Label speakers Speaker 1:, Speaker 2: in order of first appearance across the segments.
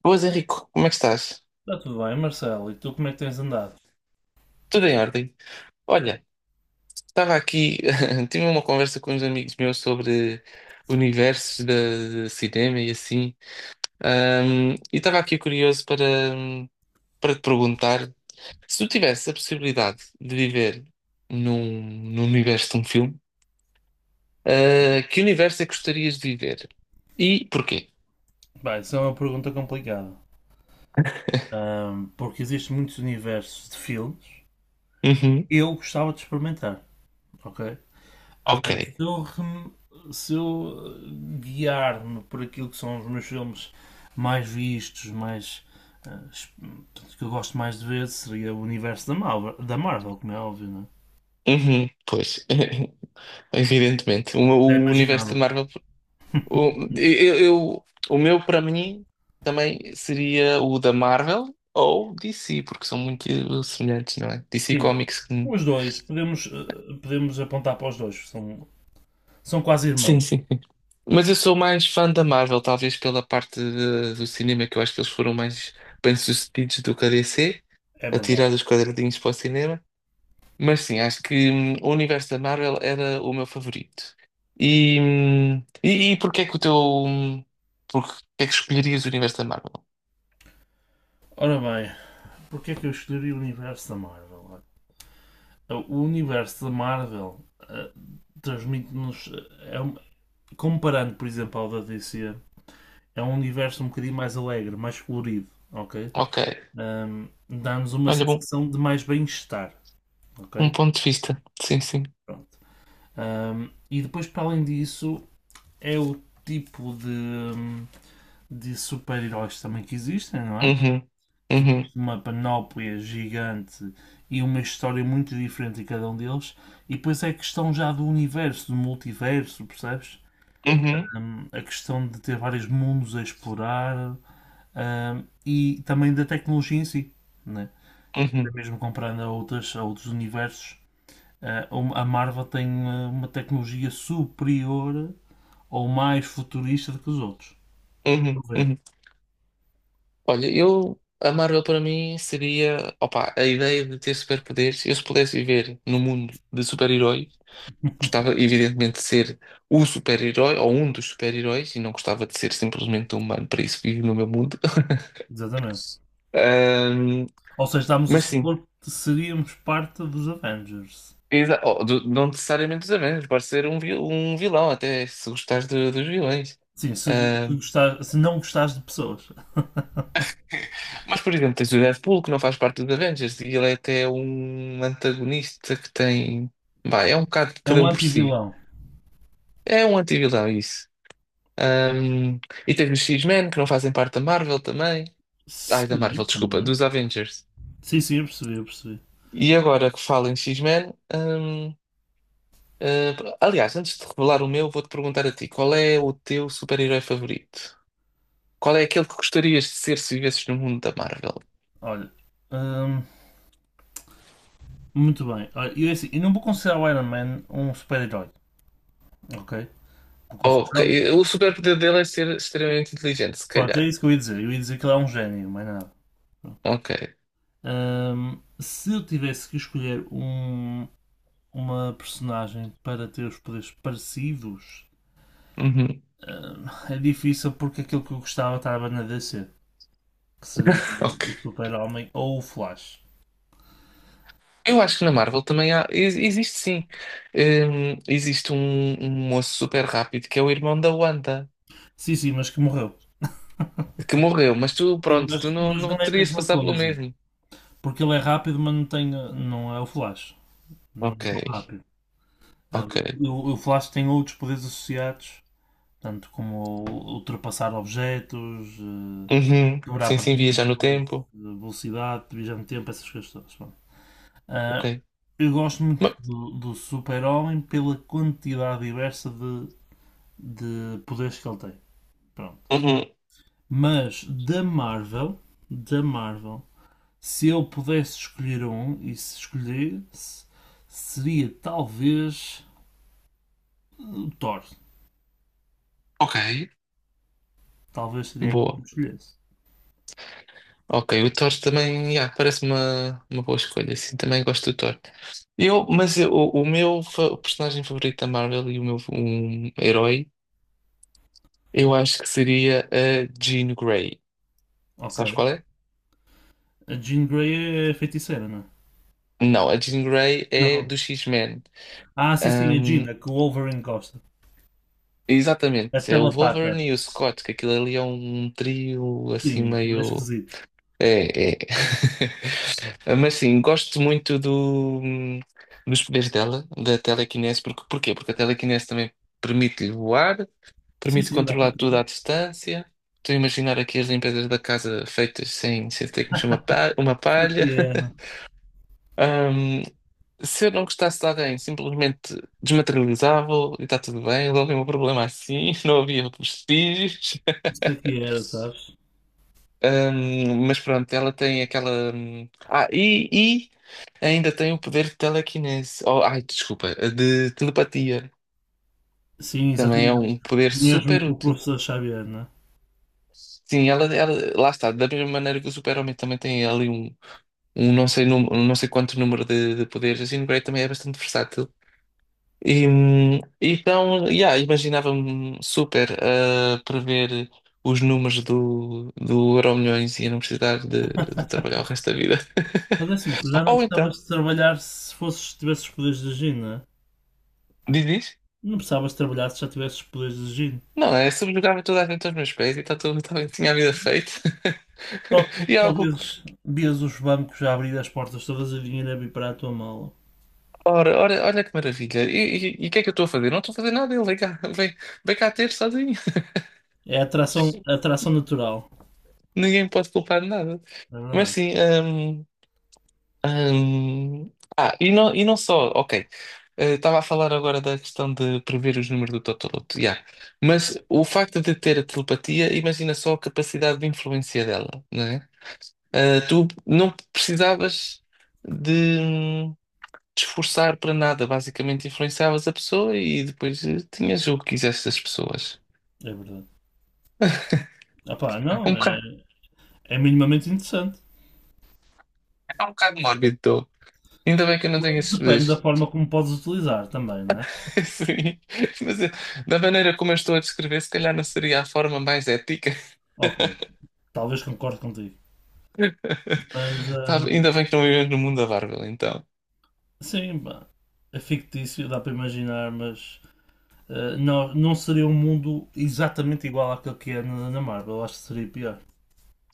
Speaker 1: Boas, Henrico, como é que estás?
Speaker 2: Está tudo bem, Marcelo. E tu como é que tens andado?
Speaker 1: Tudo em ordem? Olha, estava aqui, tive uma conversa com uns amigos meus sobre universos de cinema e assim. E estava aqui curioso para, para te perguntar se tu tivesse a possibilidade de viver num, num universo de um filme. Que universo é que gostarias de viver? E porquê?
Speaker 2: Bem, isso é uma pergunta complicada. Porque existem muitos universos de filmes.
Speaker 1: Uhum,
Speaker 2: Eu gostava de experimentar, ok?
Speaker 1: ok.
Speaker 2: Agora, se eu guiar-me por aquilo que são os meus filmes mais vistos, eh, es- portanto, que eu gosto mais de ver, seria o universo da Marvel como é óbvio, não é?
Speaker 1: Uhum, pois, evidentemente. O,
Speaker 2: Já
Speaker 1: o universo de
Speaker 2: imaginavas?
Speaker 1: Marvel. O, eu, eu- o meu, para mim, também seria o da Marvel ou DC, porque são muito semelhantes, não é? DC
Speaker 2: Sim,
Speaker 1: Comics.
Speaker 2: os dois. Podemos, podemos apontar para os dois. São quase
Speaker 1: Sim,
Speaker 2: irmãos,
Speaker 1: sim. Mas eu sou mais fã da Marvel, talvez pela parte do cinema, que eu acho que eles foram mais bem-sucedidos do que a DC,
Speaker 2: é
Speaker 1: a
Speaker 2: verdade.
Speaker 1: tirar os quadradinhos para o cinema. Mas sim, acho que o universo da Marvel era o meu favorito. E porquê é que o teu. Porque é que escolherias o universo da Marvel?
Speaker 2: Ora bem, porquê é que eu escolhi o universo da Marvel? Então, o universo da Marvel transmite-nos. Comparando, por exemplo, ao da DC, é um universo um bocadinho mais alegre, mais colorido, ok?
Speaker 1: Ok.
Speaker 2: Dá-nos uma
Speaker 1: Olha, bom.
Speaker 2: sensação de mais bem-estar,
Speaker 1: Um
Speaker 2: ok?
Speaker 1: ponto de vista. Sim, sim.
Speaker 2: Pronto. E depois, para além disso, é o tipo de, de super-heróis também que existem, não é?
Speaker 1: Uhum.
Speaker 2: Que
Speaker 1: Uhum.
Speaker 2: existe uma panóplia gigante e uma história muito diferente em cada um deles, e depois é a questão já do universo, do multiverso, percebes?
Speaker 1: Uhum.
Speaker 2: A questão de ter vários mundos a explorar, e também da tecnologia em si, né? Até
Speaker 1: Uhum.
Speaker 2: mesmo comparando a outros universos, ah, a Marvel tem uma tecnologia superior ou mais futurista do que os outros.
Speaker 1: Uhum.
Speaker 2: Vou ver,
Speaker 1: Uhum. Olha, eu. A Marvel para mim seria. Opa, a ideia de ter superpoderes. Eu, se pudesse viver num mundo de super-heróis, gostava, evidentemente, de ser o super-herói ou um dos super-heróis e não gostava de ser simplesmente um humano. Para isso, vivo no meu mundo.
Speaker 2: exatamente.
Speaker 1: Ahm,
Speaker 2: Ou seja, estamos a
Speaker 1: mas sim,
Speaker 2: supor que seríamos parte dos Avengers.
Speaker 1: não necessariamente dos Avengers, pode ser um, um vilão, até se gostares dos vilões.
Speaker 2: Sim, se se não gostares de pessoas.
Speaker 1: Mas, por exemplo, tens o Deadpool que não faz parte dos Avengers e ele é até um antagonista que tem. Bah, é um bocado de
Speaker 2: É
Speaker 1: cada
Speaker 2: um
Speaker 1: um por si.
Speaker 2: anti-vilão.
Speaker 1: É um anti-vilão, isso. Ahm, e tens os X-Men que não fazem parte da Marvel também. Ai, da
Speaker 2: Sim,
Speaker 1: Marvel, desculpa,
Speaker 2: também.
Speaker 1: dos Avengers.
Speaker 2: Sim, sim, eu percebi.
Speaker 1: E agora que falo em X-Men. Aliás, antes de revelar o meu, vou-te perguntar a ti: qual é o teu super-herói favorito? Qual é aquele que gostarias de ser se vivesses no mundo da Marvel?
Speaker 2: Olha, hum, muito bem. Olha, eu, é assim, eu não vou considerar o Iron Man um super-herói, ok? Vou
Speaker 1: Ok,
Speaker 2: considerá-lo.
Speaker 1: o superpoder dele é ser extremamente inteligente, se
Speaker 2: Pronto, é
Speaker 1: calhar.
Speaker 2: isso que eu ia dizer. Eu ia dizer que ele é um gênio, mais nada. Pronto.
Speaker 1: Ok.
Speaker 2: Se eu tivesse que escolher um, uma personagem para ter os poderes parecidos,
Speaker 1: Uhum,
Speaker 2: é difícil porque aquilo que eu gostava estava na DC. Que seria o
Speaker 1: ok.
Speaker 2: Super-Homem, ou o Flash.
Speaker 1: Eu acho que na Marvel também há. Existe sim. Existe um, um moço super rápido que é o irmão da Wanda,
Speaker 2: Sim, sim, mas que morreu.
Speaker 1: que morreu, mas tu,
Speaker 2: Sim,
Speaker 1: pronto, tu não,
Speaker 2: mas não
Speaker 1: não
Speaker 2: é a
Speaker 1: terias de
Speaker 2: mesma
Speaker 1: passar pelo
Speaker 2: coisa.
Speaker 1: mesmo.
Speaker 2: Porque ele é rápido, mas não é o Flash. Não
Speaker 1: Ok,
Speaker 2: é tão rápido.
Speaker 1: ok.
Speaker 2: O Flash tem outros poderes associados, tanto como ultrapassar objetos,
Speaker 1: Uhum.
Speaker 2: quebrar
Speaker 1: Sim, sim, viajar no
Speaker 2: partículas,
Speaker 1: tempo.
Speaker 2: velocidade, divisão de tempo, essas coisas todas. Bom,
Speaker 1: Ok.
Speaker 2: uh, eu gosto muito
Speaker 1: Ma-
Speaker 2: do Super-Homem pela quantidade diversa de poderes que ele tem. Pronto.
Speaker 1: Uhum.
Speaker 2: Mas da Marvel, Da Marvel, se eu pudesse escolher um e se escolhesse, seria talvez o Thor.
Speaker 1: Ok.
Speaker 2: Talvez seria aquele que eu
Speaker 1: Boa.
Speaker 2: escolhesse.
Speaker 1: Ok, o Thor também, yeah, parece uma boa escolha, sim, também gosto do Thor. Eu, mas eu- o meu personagem favorito da Marvel e o meu herói. Eu acho que seria a Jean Grey.
Speaker 2: Ok.
Speaker 1: Sabes qual é?
Speaker 2: A Jean Grey é feiticeira, não é?
Speaker 1: Não, a Jean Grey é
Speaker 2: Não.
Speaker 1: do X-Men.
Speaker 2: Ah, sim, sim, a
Speaker 1: Ahm,
Speaker 2: Jean, a que o Wolverine gosta. A
Speaker 1: Exatamente, é o
Speaker 2: telepata.
Speaker 1: Wolverine e o Scott, que aquilo ali é um trio assim
Speaker 2: Sim, aquilo é
Speaker 1: meio.
Speaker 2: esquisito.
Speaker 1: É, é. Mas sim, gosto muito dos poderes dela, da telequinese. Porque, porquê? Porque a telequinese também permite-lhe voar,
Speaker 2: Sim,
Speaker 1: permite
Speaker 2: sim, dá para
Speaker 1: controlar tudo à
Speaker 2: tudo.
Speaker 1: distância. Estou a imaginar aqui as limpezas da casa feitas sem ter que mexer uma uma
Speaker 2: Isso aqui
Speaker 1: palha.
Speaker 2: era.
Speaker 1: Se eu não gostasse de alguém, simplesmente desmaterializava e está tudo bem, resolvi o meu problema assim, não havia vestígios.
Speaker 2: Isso aqui era, sabes?
Speaker 1: Mas pronto, ela tem aquela. E ainda tem o poder de telequinese. Oh, ai, desculpa, de telepatia.
Speaker 2: Sim,
Speaker 1: Também é
Speaker 2: exatamente.
Speaker 1: um poder
Speaker 2: O mesmo
Speaker 1: super
Speaker 2: que o
Speaker 1: útil.
Speaker 2: professor Xavier, não é?
Speaker 1: Sim, ela, lá está, da mesma maneira que o Super-Homem também tem ali um, um não sei, um não sei quanto número de poderes, assim, o Grey também é bastante versátil. Yeah, imaginava-me super a prever os números do Euromilhões e a não precisar de trabalhar o resto da vida.
Speaker 2: Mas é assim, tu já não
Speaker 1: Ou então,
Speaker 2: precisavas de trabalhar se fosses, tivesses os poderes de Jin, não é?
Speaker 1: diz isso?
Speaker 2: Não precisavas de trabalhar se já tivesses os poderes de Jin.
Speaker 1: Não, é subjugava toda a gente aos meus pés e tá tudo, tá, tinha a vida feita.
Speaker 2: Só,
Speaker 1: E é
Speaker 2: só
Speaker 1: algo.
Speaker 2: vias, vias os bancos a abrir as portas todas e o dinheiro a vir para a tua mala.
Speaker 1: Ora, ora, olha que maravilha. E o que é que eu estou a fazer? Não estou a fazer nada, ele vem cá, vem, vem cá ter sozinho.
Speaker 2: É atração, atração natural.
Speaker 1: Ninguém me pode culpar de nada.
Speaker 2: É
Speaker 1: Mas
Speaker 2: verdade.
Speaker 1: sim, Hum, e não só, ok. Estava a falar agora da questão de prever os números do Totoloto, yeah. Mas o facto de ter a telepatia, imagina só a capacidade de influência dela, não é? Tu não precisavas de te esforçar para nada, basicamente influenciavas a pessoa e depois tinhas o que quisesse das pessoas.
Speaker 2: É verdade. Ah pá,
Speaker 1: Um
Speaker 2: não, é,
Speaker 1: bocado,
Speaker 2: É minimamente interessante.
Speaker 1: é um bocado mórbido, tô. Ainda bem que eu não tenho esses
Speaker 2: Depende da
Speaker 1: poderes.
Speaker 2: forma como podes utilizar também, não é?
Speaker 1: Sim, mas eh, da maneira como eu estou a descrever, se calhar não seria a forma mais ética.
Speaker 2: Ok, talvez concorde contigo. Mas,
Speaker 1: Tá, ainda bem que não vivemos no mundo da Marvel, então.
Speaker 2: sim, pá, é fictício, dá para imaginar, mas não seria um mundo exatamente igual àquele que é na Marvel, acho que seria pior.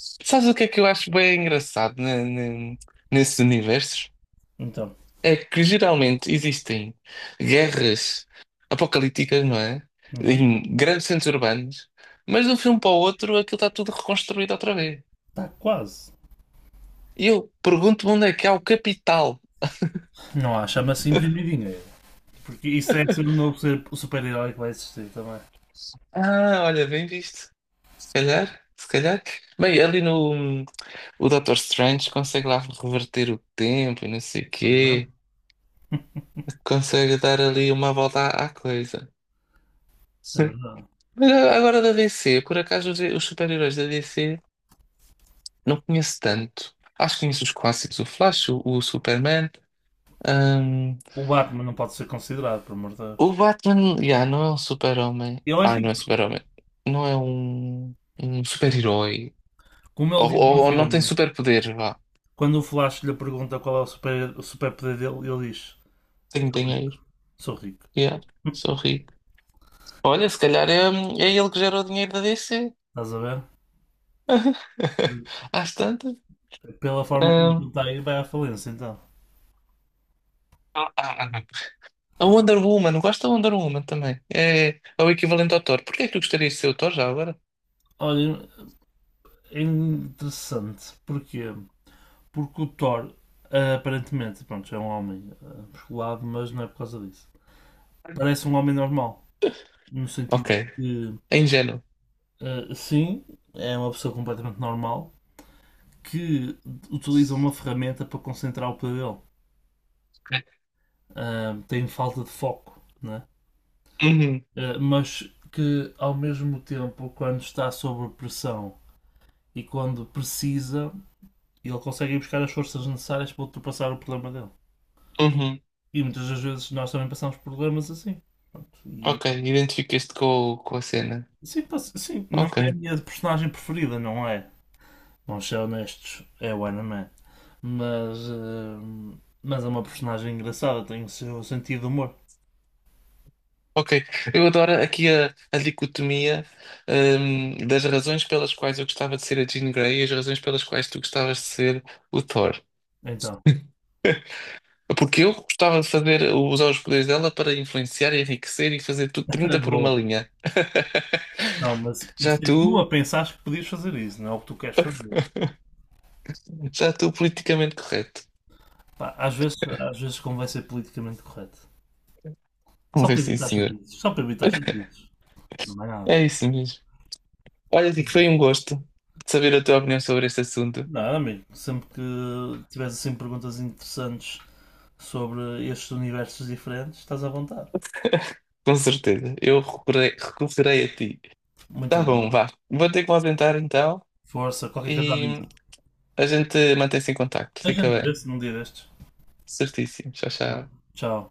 Speaker 1: Sabes o que é que eu acho bem engraçado nesses universos?
Speaker 2: Então,
Speaker 1: É que geralmente existem guerras apocalípticas, não é?
Speaker 2: uhum,
Speaker 1: Em grandes centros urbanos, mas de um filme para o outro aquilo está tudo reconstruído outra vez.
Speaker 2: está quase.
Speaker 1: E eu pergunto-me onde é que há o capital.
Speaker 2: Não há, chama-se imprimir dinheiro. Porque isso é ser o o super-herói que vai existir também.
Speaker 1: Ah, olha, bem visto. Se calhar, se calhar. Bem, ali no. O Dr Strange consegue lá reverter o tempo e não sei o
Speaker 2: É verdade?
Speaker 1: quê. Consegue dar ali uma volta à coisa.
Speaker 2: É
Speaker 1: Sim.
Speaker 2: verdade.
Speaker 1: Mas agora da DC, por acaso os super-heróis da DC não conheço tanto. Acho que conheço os clássicos, o Flash, o Superman. hum,
Speaker 2: O Batman não pode ser considerado, por amor de
Speaker 1: o
Speaker 2: Deus.
Speaker 1: Batman, yeah, não é um super-homem.
Speaker 2: Ele é
Speaker 1: Ah, não é
Speaker 2: rico.
Speaker 1: super-homem. Não é um, um super-herói.
Speaker 2: Como
Speaker 1: Ou,
Speaker 2: ele diz no
Speaker 1: ou- ou não tem
Speaker 2: filme,
Speaker 1: superpoder, vá.
Speaker 2: quando o Flash lhe pergunta qual é o o super-poder dele, ele diz:
Speaker 1: Tem
Speaker 2: Sou
Speaker 1: dinheiro.
Speaker 2: rico. Sou rico.
Speaker 1: Yeah, sou rico. Olha, se calhar é, é ele que gera o dinheiro da DC.
Speaker 2: Estás a ver?
Speaker 1: Às tantas.
Speaker 2: Pela forma como ele
Speaker 1: hum,
Speaker 2: está aí, vai à falência então.
Speaker 1: ah, ah, ah. A Wonder Woman, gosto da Wonder Woman também. É, é o equivalente ao Thor. Porquê é que tu gostarias de ser o Thor já agora?
Speaker 2: Olha, é interessante. Porquê? Porque o Thor, aparentemente, pronto, é um homem musculado, mas não é por causa disso. Parece um homem normal, no sentido
Speaker 1: Ok.
Speaker 2: que,
Speaker 1: É ingênuo.
Speaker 2: ah, sim, é uma pessoa completamente normal que utiliza uma ferramenta para concentrar o poder dele. Ah, tem falta de foco, né?
Speaker 1: Uhum,
Speaker 2: Ah, mas que ao mesmo tempo, quando está sob pressão e quando precisa, ele consegue ir buscar as forças necessárias para ultrapassar o problema dele.
Speaker 1: uhum.
Speaker 2: E muitas das vezes nós também passamos por problemas assim. Pronto, e-
Speaker 1: Ok, identificas-te com a cena.
Speaker 2: Sim, sim, não é a
Speaker 1: Ok.
Speaker 2: minha personagem preferida, não é? Vamos ser honestos, é o Anaman. Mas, mas é uma personagem engraçada, tem o seu sentido de humor.
Speaker 1: Ok, eu adoro aqui a dicotomia, das razões pelas quais eu gostava de ser a Jean Grey e as razões pelas quais tu gostavas de ser o Thor.
Speaker 2: Então,
Speaker 1: Porque eu gostava de fazer, usar os poderes dela para influenciar, enriquecer e fazer tudo 30 por uma
Speaker 2: boa.
Speaker 1: linha.
Speaker 2: Não, mas
Speaker 1: Já
Speaker 2: isso é tu
Speaker 1: tu,
Speaker 2: a pensares que podias fazer isso, não é o que tu queres fazer.
Speaker 1: já tu politicamente correto.
Speaker 2: Pá, às vezes, Às vezes convém ser politicamente correto. Só
Speaker 1: Vamos ver
Speaker 2: para
Speaker 1: sim,
Speaker 2: evitar
Speaker 1: senhor.
Speaker 2: chatices. Só para evitar chatices. Não é nada.
Speaker 1: É isso mesmo. Olha, Dico, foi um gosto de saber a tua opinião sobre este assunto.
Speaker 2: Não, amigo. Sempre que tivesse assim perguntas interessantes sobre estes universos diferentes, estás à vontade.
Speaker 1: Com certeza, eu recorrei, recorrerei a ti. Tá
Speaker 2: Muito bem.
Speaker 1: bom, vá. Vou ter que me ausentar então.
Speaker 2: Força, qualquer coisa a
Speaker 1: E
Speaker 2: dizer.
Speaker 1: a gente mantém-se em contacto,
Speaker 2: A
Speaker 1: fica
Speaker 2: gente
Speaker 1: bem.
Speaker 2: vê-se num dia destes.
Speaker 1: Certíssimo, tchau,
Speaker 2: Não?
Speaker 1: tchau.
Speaker 2: Tchau.